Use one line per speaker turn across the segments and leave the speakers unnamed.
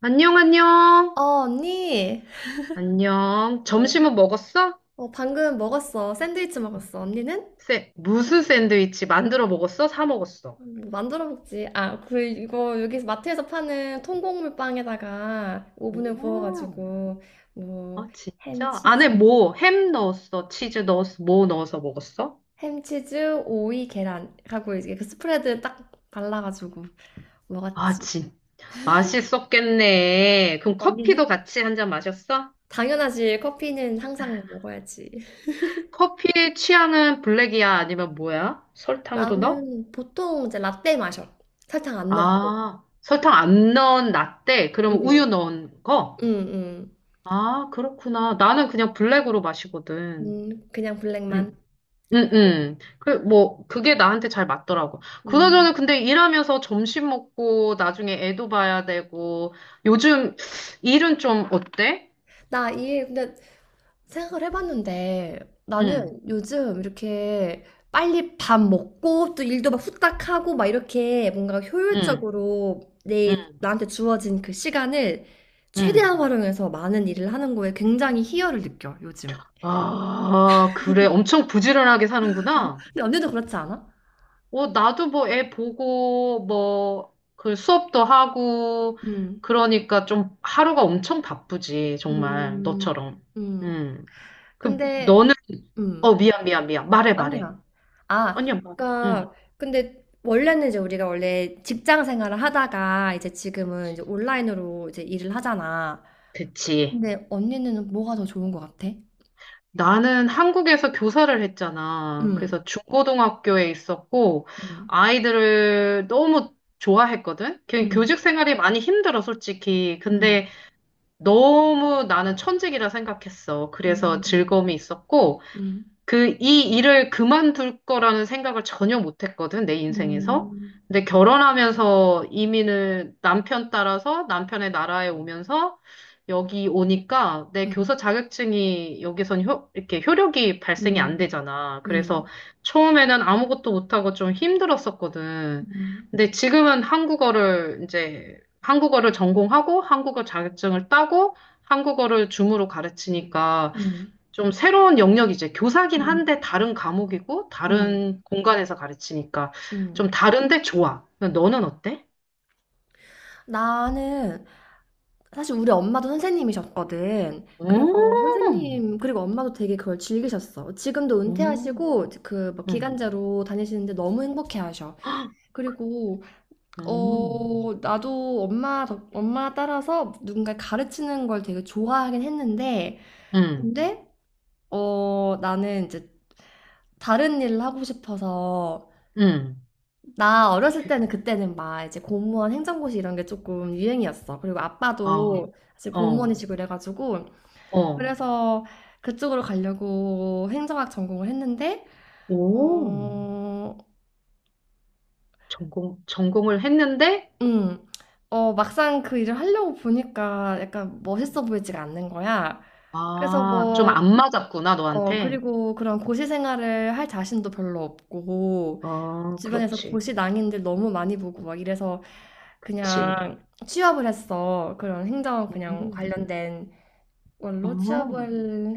안녕,
어,
안녕.
언니.
안녕.
어,
점심은 먹었어?
방금 먹었어. 샌드위치 먹었어. 언니는?
무슨 샌드위치 만들어 먹었어? 사 먹었어?
만들어 먹지. 아, 그, 이거 여기 마트에서 파는 통곡물 빵에다가 오븐에
음,
구워가지고, 뭐,
아, 진짜? 안에
햄치즈.
뭐, 햄 넣었어? 치즈 넣었어? 뭐 넣어서 먹었어?
햄치즈, 오이, 계란. 하고 이제 그 스프레드 딱 발라가지고
아,
먹었지.
진. 맛있었겠네. 그럼 커피도
언니는?
같이 한잔 마셨어?
당연하지. 커피는 항상 먹어야지.
커피 취향은 블랙이야? 아니면 뭐야? 설탕도 넣어?
나는 보통 이제 라떼 마셔. 설탕 안 넣고.
아, 설탕 안 넣은 라떼? 그럼
응,
우유 넣은 거?
응.
아, 그렇구나. 나는 그냥 블랙으로 마시거든.
그냥 블랙만.
응, 응,
그게-
응. 그, 뭐, 그게 나한테 잘 맞더라고. 그나저나,
음.
근데 일하면서 점심 먹고, 나중에 애도 봐야 되고, 요즘 일은 좀 어때?
근데 생각을 해봤는데
응,
나는 요즘 이렇게 빨리 밥 먹고 또 일도 막 후딱 하고 막 이렇게 뭔가
응,
효율적으로
응,
나한테 주어진 그 시간을
응.
최대한 활용해서 많은 일을 하는 거에 굉장히 희열을 느껴, 요즘.
아, 그래. 엄청 부지런하게 사는구나.
근데 언니도 그렇지 않아?
어, 나도 뭐 애 보고, 뭐, 그 수업도 하고,
음.
그러니까 좀 하루가 엄청 바쁘지, 정말,
음.
너처럼.
음.
응. 그,
근데,
너는, 어,
음.
미안, 미안, 미안. 말해, 말해.
아니야. 아,
아니야, 말해.
그러니까 근데 원래 직장 생활을 하다가 이제 지금은 이제 온라인으로 이제 일을 하잖아.
그치.
근데 언니는 뭐가 더 좋은 것 같아?
나는 한국에서 교사를 했잖아.
음,
그래서 중고등학교에 있었고,
음,
아이들을 너무 좋아했거든? 그
음,
교직 생활이 많이 힘들어, 솔직히.
음,
근데 너무 나는 천직이라 생각했어. 그래서
음,
즐거움이 있었고,
음,
그, 이 일을 그만둘 거라는 생각을 전혀 못 했거든, 내 인생에서.
음,
근데 결혼하면서 이민을 남편 따라서 남편의 나라에 오면서 여기 오니까 내
음,
교사 자격증이 여기선 이렇게 효력이 발생이 안
음,
되잖아. 그래서
음,
처음에는 아무것도 못하고 좀 힘들었었거든.
음,
근데 지금은 한국어를 이제 한국어를 전공하고 한국어 자격증을 따고 한국어를 줌으로 가르치니까
음,
좀 새로운 영역이 이제 교사긴 한데 다른 과목이고
음,
다른 공간에서 가르치니까
음.
좀 다른데 좋아. 너는 어때?
나는 사실 우리 엄마도 선생님이셨거든. 그래서
음,
선생님, 그리고 엄마도 되게 그걸 즐기셨어. 지금도
음,
은퇴하시고, 그, 뭐
음,
기간제로 다니시는데 너무 행복해 하셔. 그리고,
음,
어, 나도 엄마 따라서 누군가 가르치는 걸 되게 좋아하긴 했는데,
음,
근데, 어, 나는 이제 다른 일을 하고 싶어서,
음.
나 어렸을
그-
때는 그때는 막 이제 공무원 행정고시 이런 게 조금 유행이었어. 그리고
아,
아빠도 사실
어,
공무원이시고 이래가지고,
어,
그래서 그쪽으로 가려고 행정학 전공을 했는데,
오,
어,
전공을 했는데,
음, 어, 막상 그 일을 하려고 보니까 약간 멋있어 보이지가 않는 거야. 그래서
아, 좀
뭐,
안 맞았구나,
어,
너한테.
그리고 그런 고시 생활을 할 자신도 별로 없고,
어,
주변에서
그렇지,
고시 낭인들 너무 많이 보고 막 이래서
그치.
그냥 취업을 했어. 그런 행정 그냥
음,
관련된 원로 취업을
어,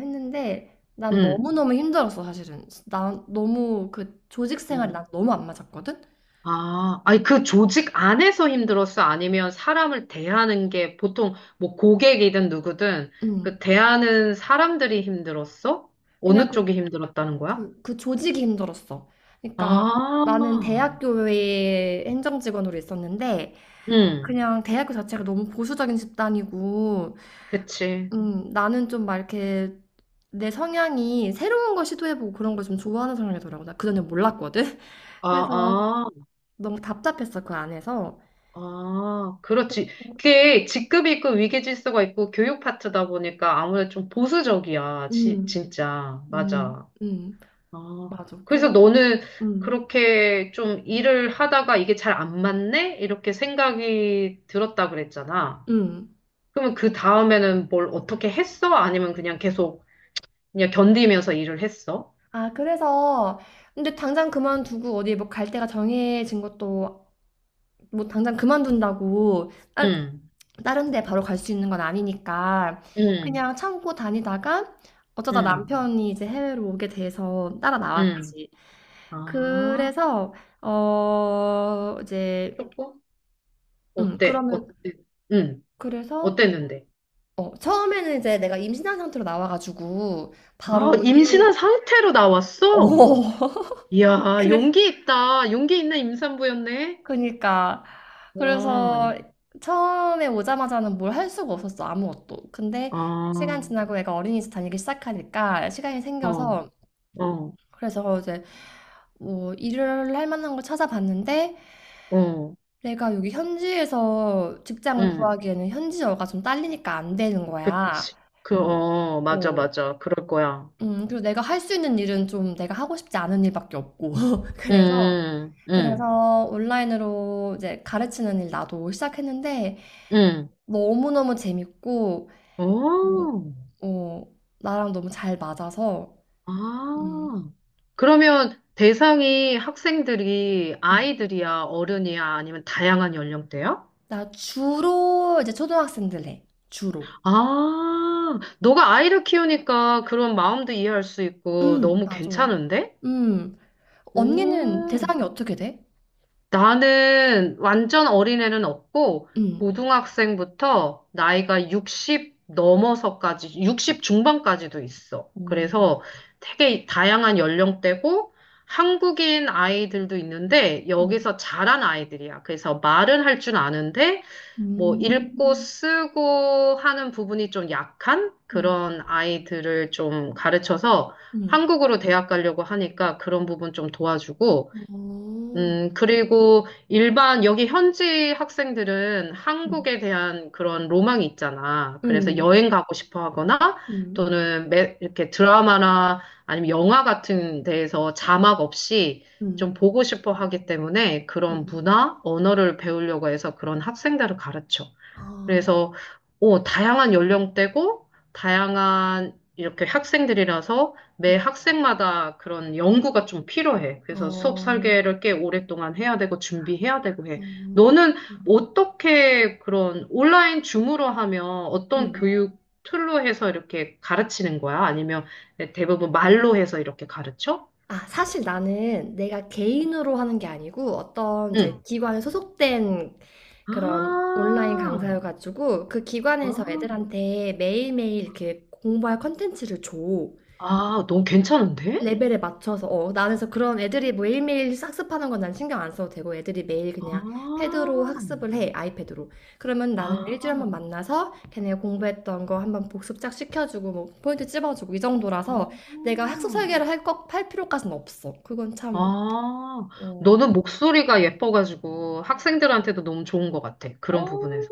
했는데 난
음,
너무너무 힘들었어. 사실은 난 너무 그 조직 생활이
음.
난 너무 안 맞았거든.
아, 아니, 그 조직 안에서 힘들었어? 아니면 사람을 대하는 게 보통 뭐 고객이든 누구든
음.
그 대하는 사람들이 힘들었어?
그냥
어느
그,
쪽이 힘들었다는 거야?
그 조직이 힘들었어. 그러니까
아,
나는 대학교에 행정직원으로 있었는데
응,
그냥 대학교 자체가 너무 보수적인 집단이고
그치.
음, 나는 좀 막 이렇게 내 성향이 새로운 걸 시도해보고 그런 걸 좀 좋아하는 성향이더라고. 나 그전에 몰랐거든.
아,
그래서
아,
너무 답답했어, 그 안에서.
아, 그렇지. 그게 직급이 있고 위계질서가 있고 교육 파트다 보니까 아무래도 좀 보수적이야.
음.
진짜.
음,
맞아.
음.
아,
맞아.
그래서
그래서,
너는
음,
그렇게 좀 일을 하다가 이게 잘 안 맞네? 이렇게 생각이 들었다 그랬잖아.
음.
그러면 그 다음에는 뭘 어떻게 했어? 아니면 그냥 계속 그냥 견디면서 일을 했어?
아, 그래서, 근데 당장 그만두고 어디 뭐 갈 데가 정해진 것도, 뭐 당장 그만둔다고, 아,
응,
다른 데 바로 갈 수 있는 건 아니니까,
응,
그냥 참고 다니다가, 어쩌다
응,
남편이 이제 해외로 오게 돼서 따라
응.
나왔지.
아,
그래서, 어, 이제,
조금? 어때? 어때?
그러면,
응,
그래서,
어땠는데?
어, 처음에는 이제 내가 임신한 상태로 나와가지고,
아,
바로
임신한
일을,
상태로 나왔어?
어,
이야,
그래.
용기 있다. 용기 있는 임산부였네?
그니까
와,
그래서 처음에 오자마자는 뭘 할 수가 없었어, 아무것도. 근데 시간
아,
지나고 애가 어린이집 다니기 시작하니까 시간이
어.
생겨서
어,
그래서 이제 뭐 일을 할 만한 걸 찾아봤는데
어,
내가 여기 현지에서 직장을
응,
구하기에는 현지어가 좀 딸리니까 안 되는 거야.
그치. 그,
어,
어, 맞아,
어.
맞아. 그럴 거야.
그리고 내가 할 수 있는 일은 좀 내가 하고 싶지 않은 일밖에 없고 그래서
응, 응,
그래서 온라인으로 이제 가르치는 일 나도 시작했는데
응.
뭐 너무너무 재밌고, 뭐,
오,
어, 어, 나랑 너무 잘 맞아서, 음,
아. 그러면 대상이 학생들이
음.
아이들이야, 어른이야, 아니면 다양한 연령대야?
나 주로 이제 초등학생들 해. 주로.
아, 너가 아이를 키우니까 그런 마음도 이해할 수 있고 너무
맞아.
괜찮은데?
음, 언니는
오,
대상이 어떻게 돼?
나는 완전 어린애는 없고,
음,
고등학생부터 나이가 60 넘어서까지, 60 중반까지도 있어.
어,
그래서 되게 다양한 연령대고, 한국인 아이들도 있는데,
음,
여기서 자란 아이들이야. 그래서 말은 할 줄 아는데, 뭐, 읽고
음,
쓰고 하는 부분이 좀 약한
음,
그런 아이들을 좀 가르쳐서
음,
한국으로 대학 가려고 하니까 그런 부분 좀 도와주고,
어,
그리고 일반, 여기 현지 학생들은
음,
한국에 대한 그런 로망이 있잖아. 그래서
음,
여행 가고 싶어 하거나
음,
또는 이렇게 드라마나 아니면 영화 같은 데에서 자막 없이 좀
음,
보고 싶어 하기 때문에 그런 문화, 언어를 배우려고 해서 그런 학생들을 가르쳐.
아,
그래서 오, 다양한 연령대고 다양한 이렇게 학생들이라서 매
음.
학생마다 그런 연구가 좀 필요해.
아,
그래서 수업
어,
설계를 꽤 오랫동안 해야 되고 준비해야 되고 해.
음.
너는 어떻게 그런 온라인 줌으로 하면 어떤
음.
교육 툴로 해서 이렇게 가르치는 거야? 아니면 대부분 말로 해서 이렇게 가르쳐?
아, 사실 나는 내가 개인으로 하는 게 아니고 어떤 이제
응.
기관에 소속된 그런 온라인
아,
강사여가지고 그
아,
기관에서 애들한테 매일매일 이렇게 공부할 컨텐츠를 줘.
아, 너무 괜찮은데?
레벨에 맞춰서. 어, 나는 그래서 그런 애들이 매일매일 학습하는 건 난 신경 안 써도 되고 애들이 매일
아,
그냥 패드로 학습을 해, 아이패드로. 그러면 나는
아.
일주일에 한 번 만나서 걔네가 공부했던 거 한번 복습 쫙 시켜주고 뭐 포인트 찝어주고 이
아,
정도라서 내가 학습 설계를 할 필요까지는 없어. 그건 참
아,
어.
너는 목소리가 예뻐가지고 학생들한테도 너무 좋은 것 같아. 그런
어,
부분에서.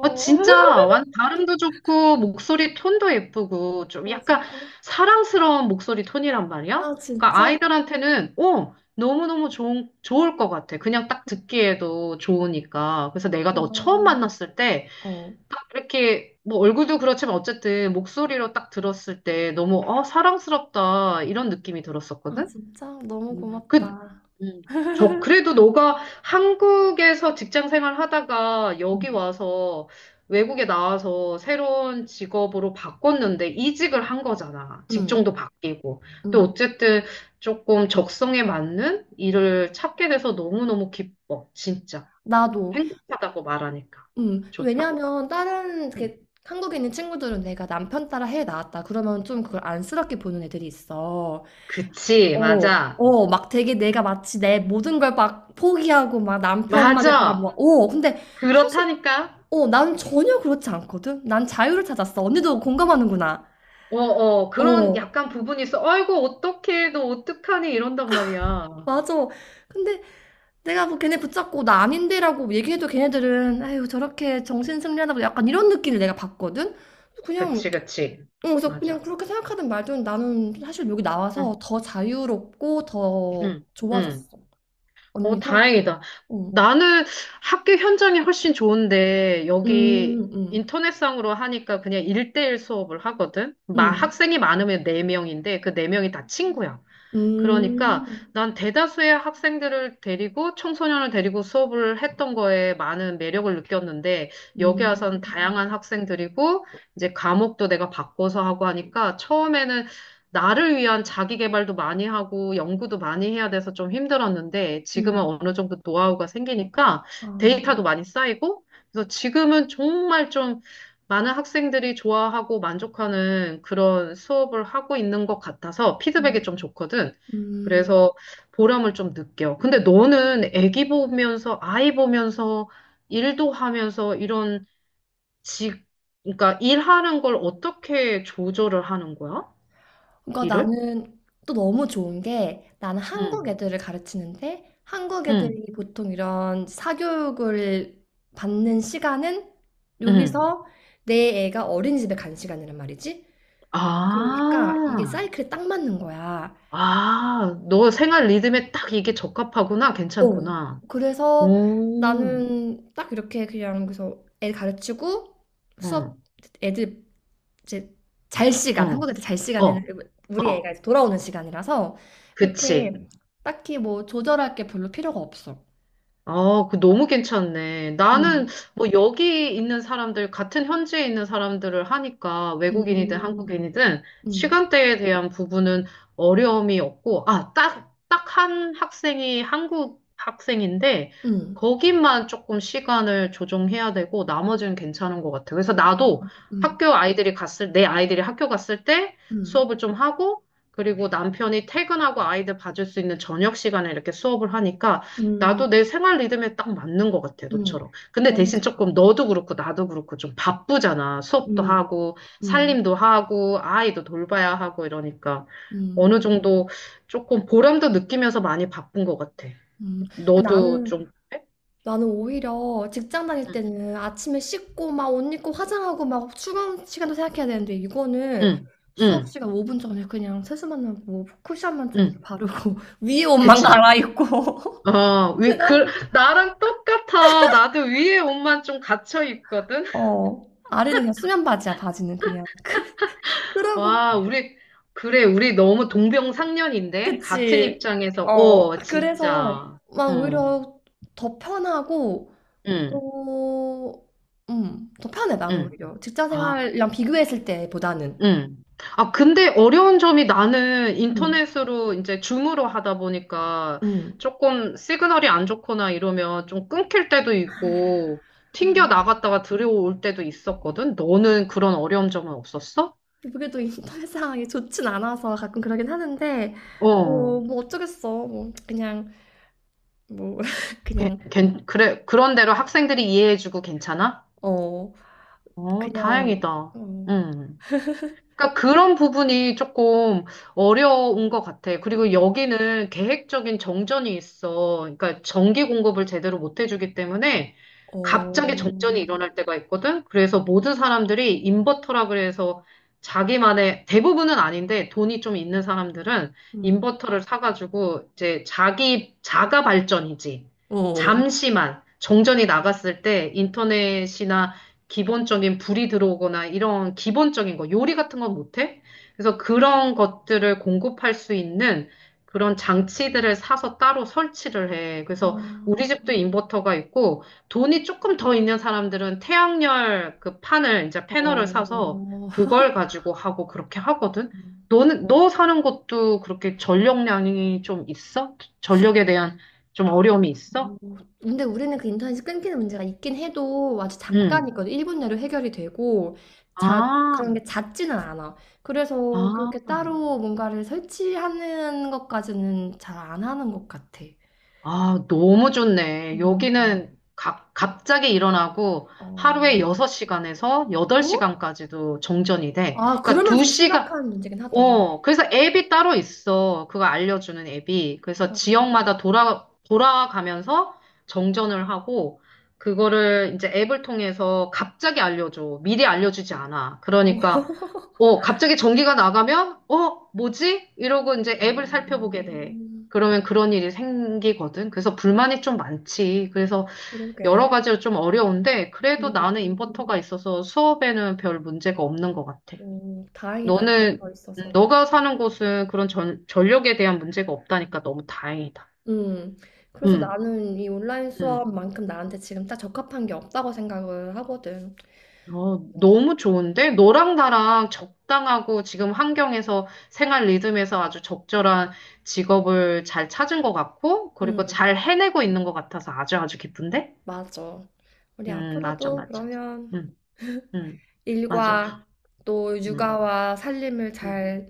어, 진짜, 발음도 좋고, 목소리 톤도 예쁘고, 좀
아,
약간
진짜?
사랑스러운 목소리 톤이란 말이야?
아,
그러니까
진짜?
아이들한테는, 어, 너무너무 좋은, 좋을 것 같아. 그냥 딱 듣기에도 좋으니까. 그래서 내가 너 처음
고마워.
만났을 때,
어.
딱 이렇게, 뭐 얼굴도 그렇지만 어쨌든 목소리로 딱 들었을 때 너무, 어, 사랑스럽다. 이런 느낌이
아,
들었었거든?
진짜? 너무
그,
고맙다.
음, 저, 그래도 너가 한국에서 직장 생활 하다가 여기
응,
와서 외국에 나와서 새로운 직업으로 바꿨는데 이직을 한 거잖아.
응,
직종도 바뀌고. 또
응.
어쨌든 조금 적성에 맞는 일을 찾게 돼서 너무너무 기뻐. 진짜.
나도.
행복하다고 말하니까.
응.
좋다고 말.
왜냐면, 다른, 이렇게, 한국에 있는 친구들은 내가 남편 따라 해 나왔다. 그러면 좀 그걸 안쓰럽게 보는 애들이 있어.
그치,
어,
맞아.
어, 막 되게 내가 마치 내 모든 걸 막 포기하고 막 남편만을
맞아.
바라보고. 어, 근데 사실,
그렇다니까.
어, 난 전혀 그렇지 않거든? 난 자유를 찾았어. 언니도 공감하는구나.
어, 어, 그런
어,
약간 부분이 있어. 아이고, 어떡해, 너 어떡하니? 이런단 말이야.
맞아. 근데 내가 뭐 걔네 붙잡고 나 아닌데라고 얘기해도 걔네들은 아유 저렇게 정신 승리하다고 약간 이런 느낌을 내가 받거든. 그냥
그치, 그치.
어, 그래서 그냥
맞아.
그렇게 생각하든 말든 나는 사실 여기
응,
나와서 더 자유롭고 더
응,
좋아졌어.
응. 어,
언니도?
다행이다.
응.
나는 학교 현장이 훨씬 좋은데,
음,
여기
음,
인터넷상으로 하니까 그냥 일대일 수업을 하거든?
음,
학생이 많으면 네명인데그 네명이다 친구야.
음,
그러니까 난 대다수의 학생들을 데리고 청소년을 데리고 수업을 했던 거에 많은 매력을 느꼈는데 여기 와
음,
서는 다양한 학생들이고 이제 과목도 내가 바꿔서 하고 하니까 처음에는 나를 위한 자기 개발도 많이 하고 연구도 많이 해야 돼서 좀 힘들었는데 지금은
음,
어느 정도 노하우가 생기니까
아,
데이터도 많이 쌓이고 그래서 지금은 정말 좀 많은 학생들이 좋아하고 만족하는 그런 수업을 하고 있는 것 같아서 피드백이
음,
좀 좋거든.
음.
그래서 보람을 좀 느껴. 근데
음.
너는 애기 보면서, 아이 보면서, 일도 하면서 이런 직, 그러니까 일하는 걸 어떻게 조절을 하는 거야?
그러니까
일을?
나는 또 너무 좋은 게 나는 한국
응,
애들을 가르치는데 한국
응,
애들이 보통 이런 사교육을 받는 시간은
응.
여기서 내 애가 어린이집에 간 시간이란 말이지. 그러니까 이게
아,
사이클에 딱 맞는 거야.
아, 너 생활 리듬에 딱 이게 적합하구나.
어.
괜찮구나.
그래서
오,
나는 딱 이렇게 그냥 그래서 애 가르치고 수업
응,
애들 이제 잘 시간,
응,
한국에 잘
어,
시간에는 우리 애가
어,
이제 돌아오는 시간이라서
그치.
그렇게 딱히 뭐 조절할 게 별로 필요가 없어.
아, 그 너무 괜찮네. 나는
음,
뭐 여기 있는 사람들, 같은 현지에 있는 사람들을 하니까 외국인이든
음,
한국인이든
음,
시간대에 대한 부분은 어려움이 없고, 아, 딱, 딱 한 학생이 한국 학생인데,
음,
거기만 조금 시간을 조정해야 되고, 나머지는 괜찮은 것 같아. 그래서 나도
음,
학교 내 아이들이 학교 갔을 때
음,
수업을 좀 하고, 그리고 남편이 퇴근하고 아이들 봐줄 수 있는 저녁 시간에 이렇게 수업을 하니까,
음,
나도 내 생활 리듬에 딱 맞는 것 같아,
음.
너처럼. 근데
너무
대신
좋아.
조금 너도 그렇고 나도 그렇고 좀 바쁘잖아. 수업도
음,
하고,
음,
살림도 하고, 아이도 돌봐야 하고 이러니까
음,
어느 정도 조금 보람도 느끼면서 많이 바쁜 것 같아.
음. 근데
너도
나는
좀, 그래?
나는 오히려 직장 다닐
응,
때는 아침에 씻고 막 옷 입고 화장하고 막 출근 시간도 생각해야 되는데 이거는
응,
수업
응,
시간 5분 전에 그냥 세수만 하고 쿠션만 좀 이렇게
응.
바르고 위에 옷만
그치.
갈아입고
어,
그다음
나랑 똑같아. 나도 위에 옷만 좀 갇혀 있거든.
어, 아래는 그냥 수면 바지야. 바지는 그냥 그러고
와, 우리, 그래, 우리 너무 동병상련인데? 같은
그치.
입장에서,
어
어,
그래서
진짜.
막
어,
오히려 더 편하고
응,
또 더 편해. 나는
응.
오히려 직장
아,
생활이랑 비교했을 때보다는
응. 아, 근데 어려운 점이 나는
음.
인터넷으로 이제 줌으로 하다 보니까
음.
조금 시그널이 안 좋거나 이러면 좀 끊길 때도 있고, 튕겨
음.
나갔다가 들어올 때도 있었거든? 너는 그런 어려운 점은 없었어?
그게 또 인터넷 상황이 좋진 않아서 가끔 그러긴 하는데, 뭐
어,
뭐 어쩌겠어. 뭐, 그냥, 뭐, 그냥,
그래, 그런 대로 학생들이 이해해주고 괜찮아?
어,
어,
그냥,
다행이다.
어,
응. 그러니까 그런 부분이 조금 어려운 것 같아. 그리고
음,
여기는 계획적인 정전이 있어. 그러니까 전기 공급을 제대로 못 해주기 때문에 갑자기 정전이
어,
일어날 때가 있거든. 그래서 모든 사람들이 인버터라 그래서 자기만의 대부분은 아닌데 돈이 좀 있는 사람들은
음,
인버터를 사가지고 이제 자기 자가 발전이지.
어,
잠시만 정전이 나갔을 때 인터넷이나 기본적인 불이 들어오거나 이런 기본적인 거, 요리 같은 건 못해? 그래서 그런 것들을 공급할 수 있는 그런 장치들을 사서 따로 설치를 해. 그래서 우리
아,
집도 인버터가 있고 돈이 조금 더 있는 사람들은 태양열 그 판을 이제 패널을 사서
어,
그걸 가지고 하고 그렇게 하거든. 너는 너 사는 곳도 그렇게 전력량이 좀 있어? 전력에 대한 좀 어려움이 있어?
어, 근데 우리는 그 인터넷이 끊기는 문제가 있긴 해도 아주
응.
잠깐이거든. 1분 내로 해결이 되고, 자, 그런
아,
게 잦지는 않아. 그래서
아.
그렇게 따로 뭔가를 설치하는 것까지는 잘 안 하는 것 같아.
아, 너무 좋네.
음,
여기는 갑자기 일어나고
어,
하루에 6시간에서
뭐?
8시간까지도 정전이 돼.
아,
그러니까
그러면 좀
2시간,
심각한 문제긴 하다.
어, 그래서 앱이 따로 있어. 그거 알려주는 앱이. 그래서
어, 어,
지역마다 돌아가면서 정전을 하고, 그거를 이제 앱을 통해서 갑자기 알려줘. 미리 알려주지 않아. 그러니까, 어, 갑자기 전기가 나가면, 어, 뭐지? 이러고 이제 앱을 살펴보게 돼.
음,
그러면 그런 일이 생기거든. 그래서 불만이 좀 많지. 그래서 여러
그러게.
가지로 좀 어려운데, 그래도 나는
음,
인버터가 있어서 수업에는 별 문제가 없는 것 같아.
다행이다,
너는,
이것도 있어서.
너가 사는 곳은 그런 전력에 대한 문제가 없다니까 너무 다행이다.
음, 그래서
음,
나는 이 온라인
음.
수업만큼 나한테 지금 딱 적합한 게 없다고 생각을 하거든.
어, 너무 좋은데? 너랑 나랑 적당하고 지금 환경에서 생활 리듬에서 아주 적절한 직업을 잘 찾은 것 같고, 그리고
음,
잘 해내고 있는 것 같아서 아주 아주 기쁜데?
맞아. 우리
맞아,
앞으로도
맞아.
그러면
음, 음, 맞아.
일과 또
음,
육아와 살림을
음,
잘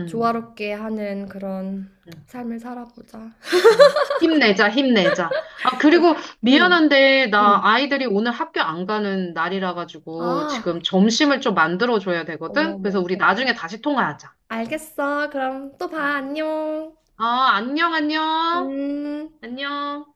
음.
조화롭게 하는 그런
음.
삶을 살아보자.
어. 힘내자, 힘내자. 아, 그리고
음,
미안한데, 나
음.
아이들이 오늘 학교 안 가는 날이라 가지고
아,
지금 점심을 좀 만들어 줘야
어머,
되거든? 그래서
어머.
우리
어.
나중에 다시 통화하자.
알겠어. 그럼 또 봐. 안녕.
아, 안녕, 안녕.
음.
안녕.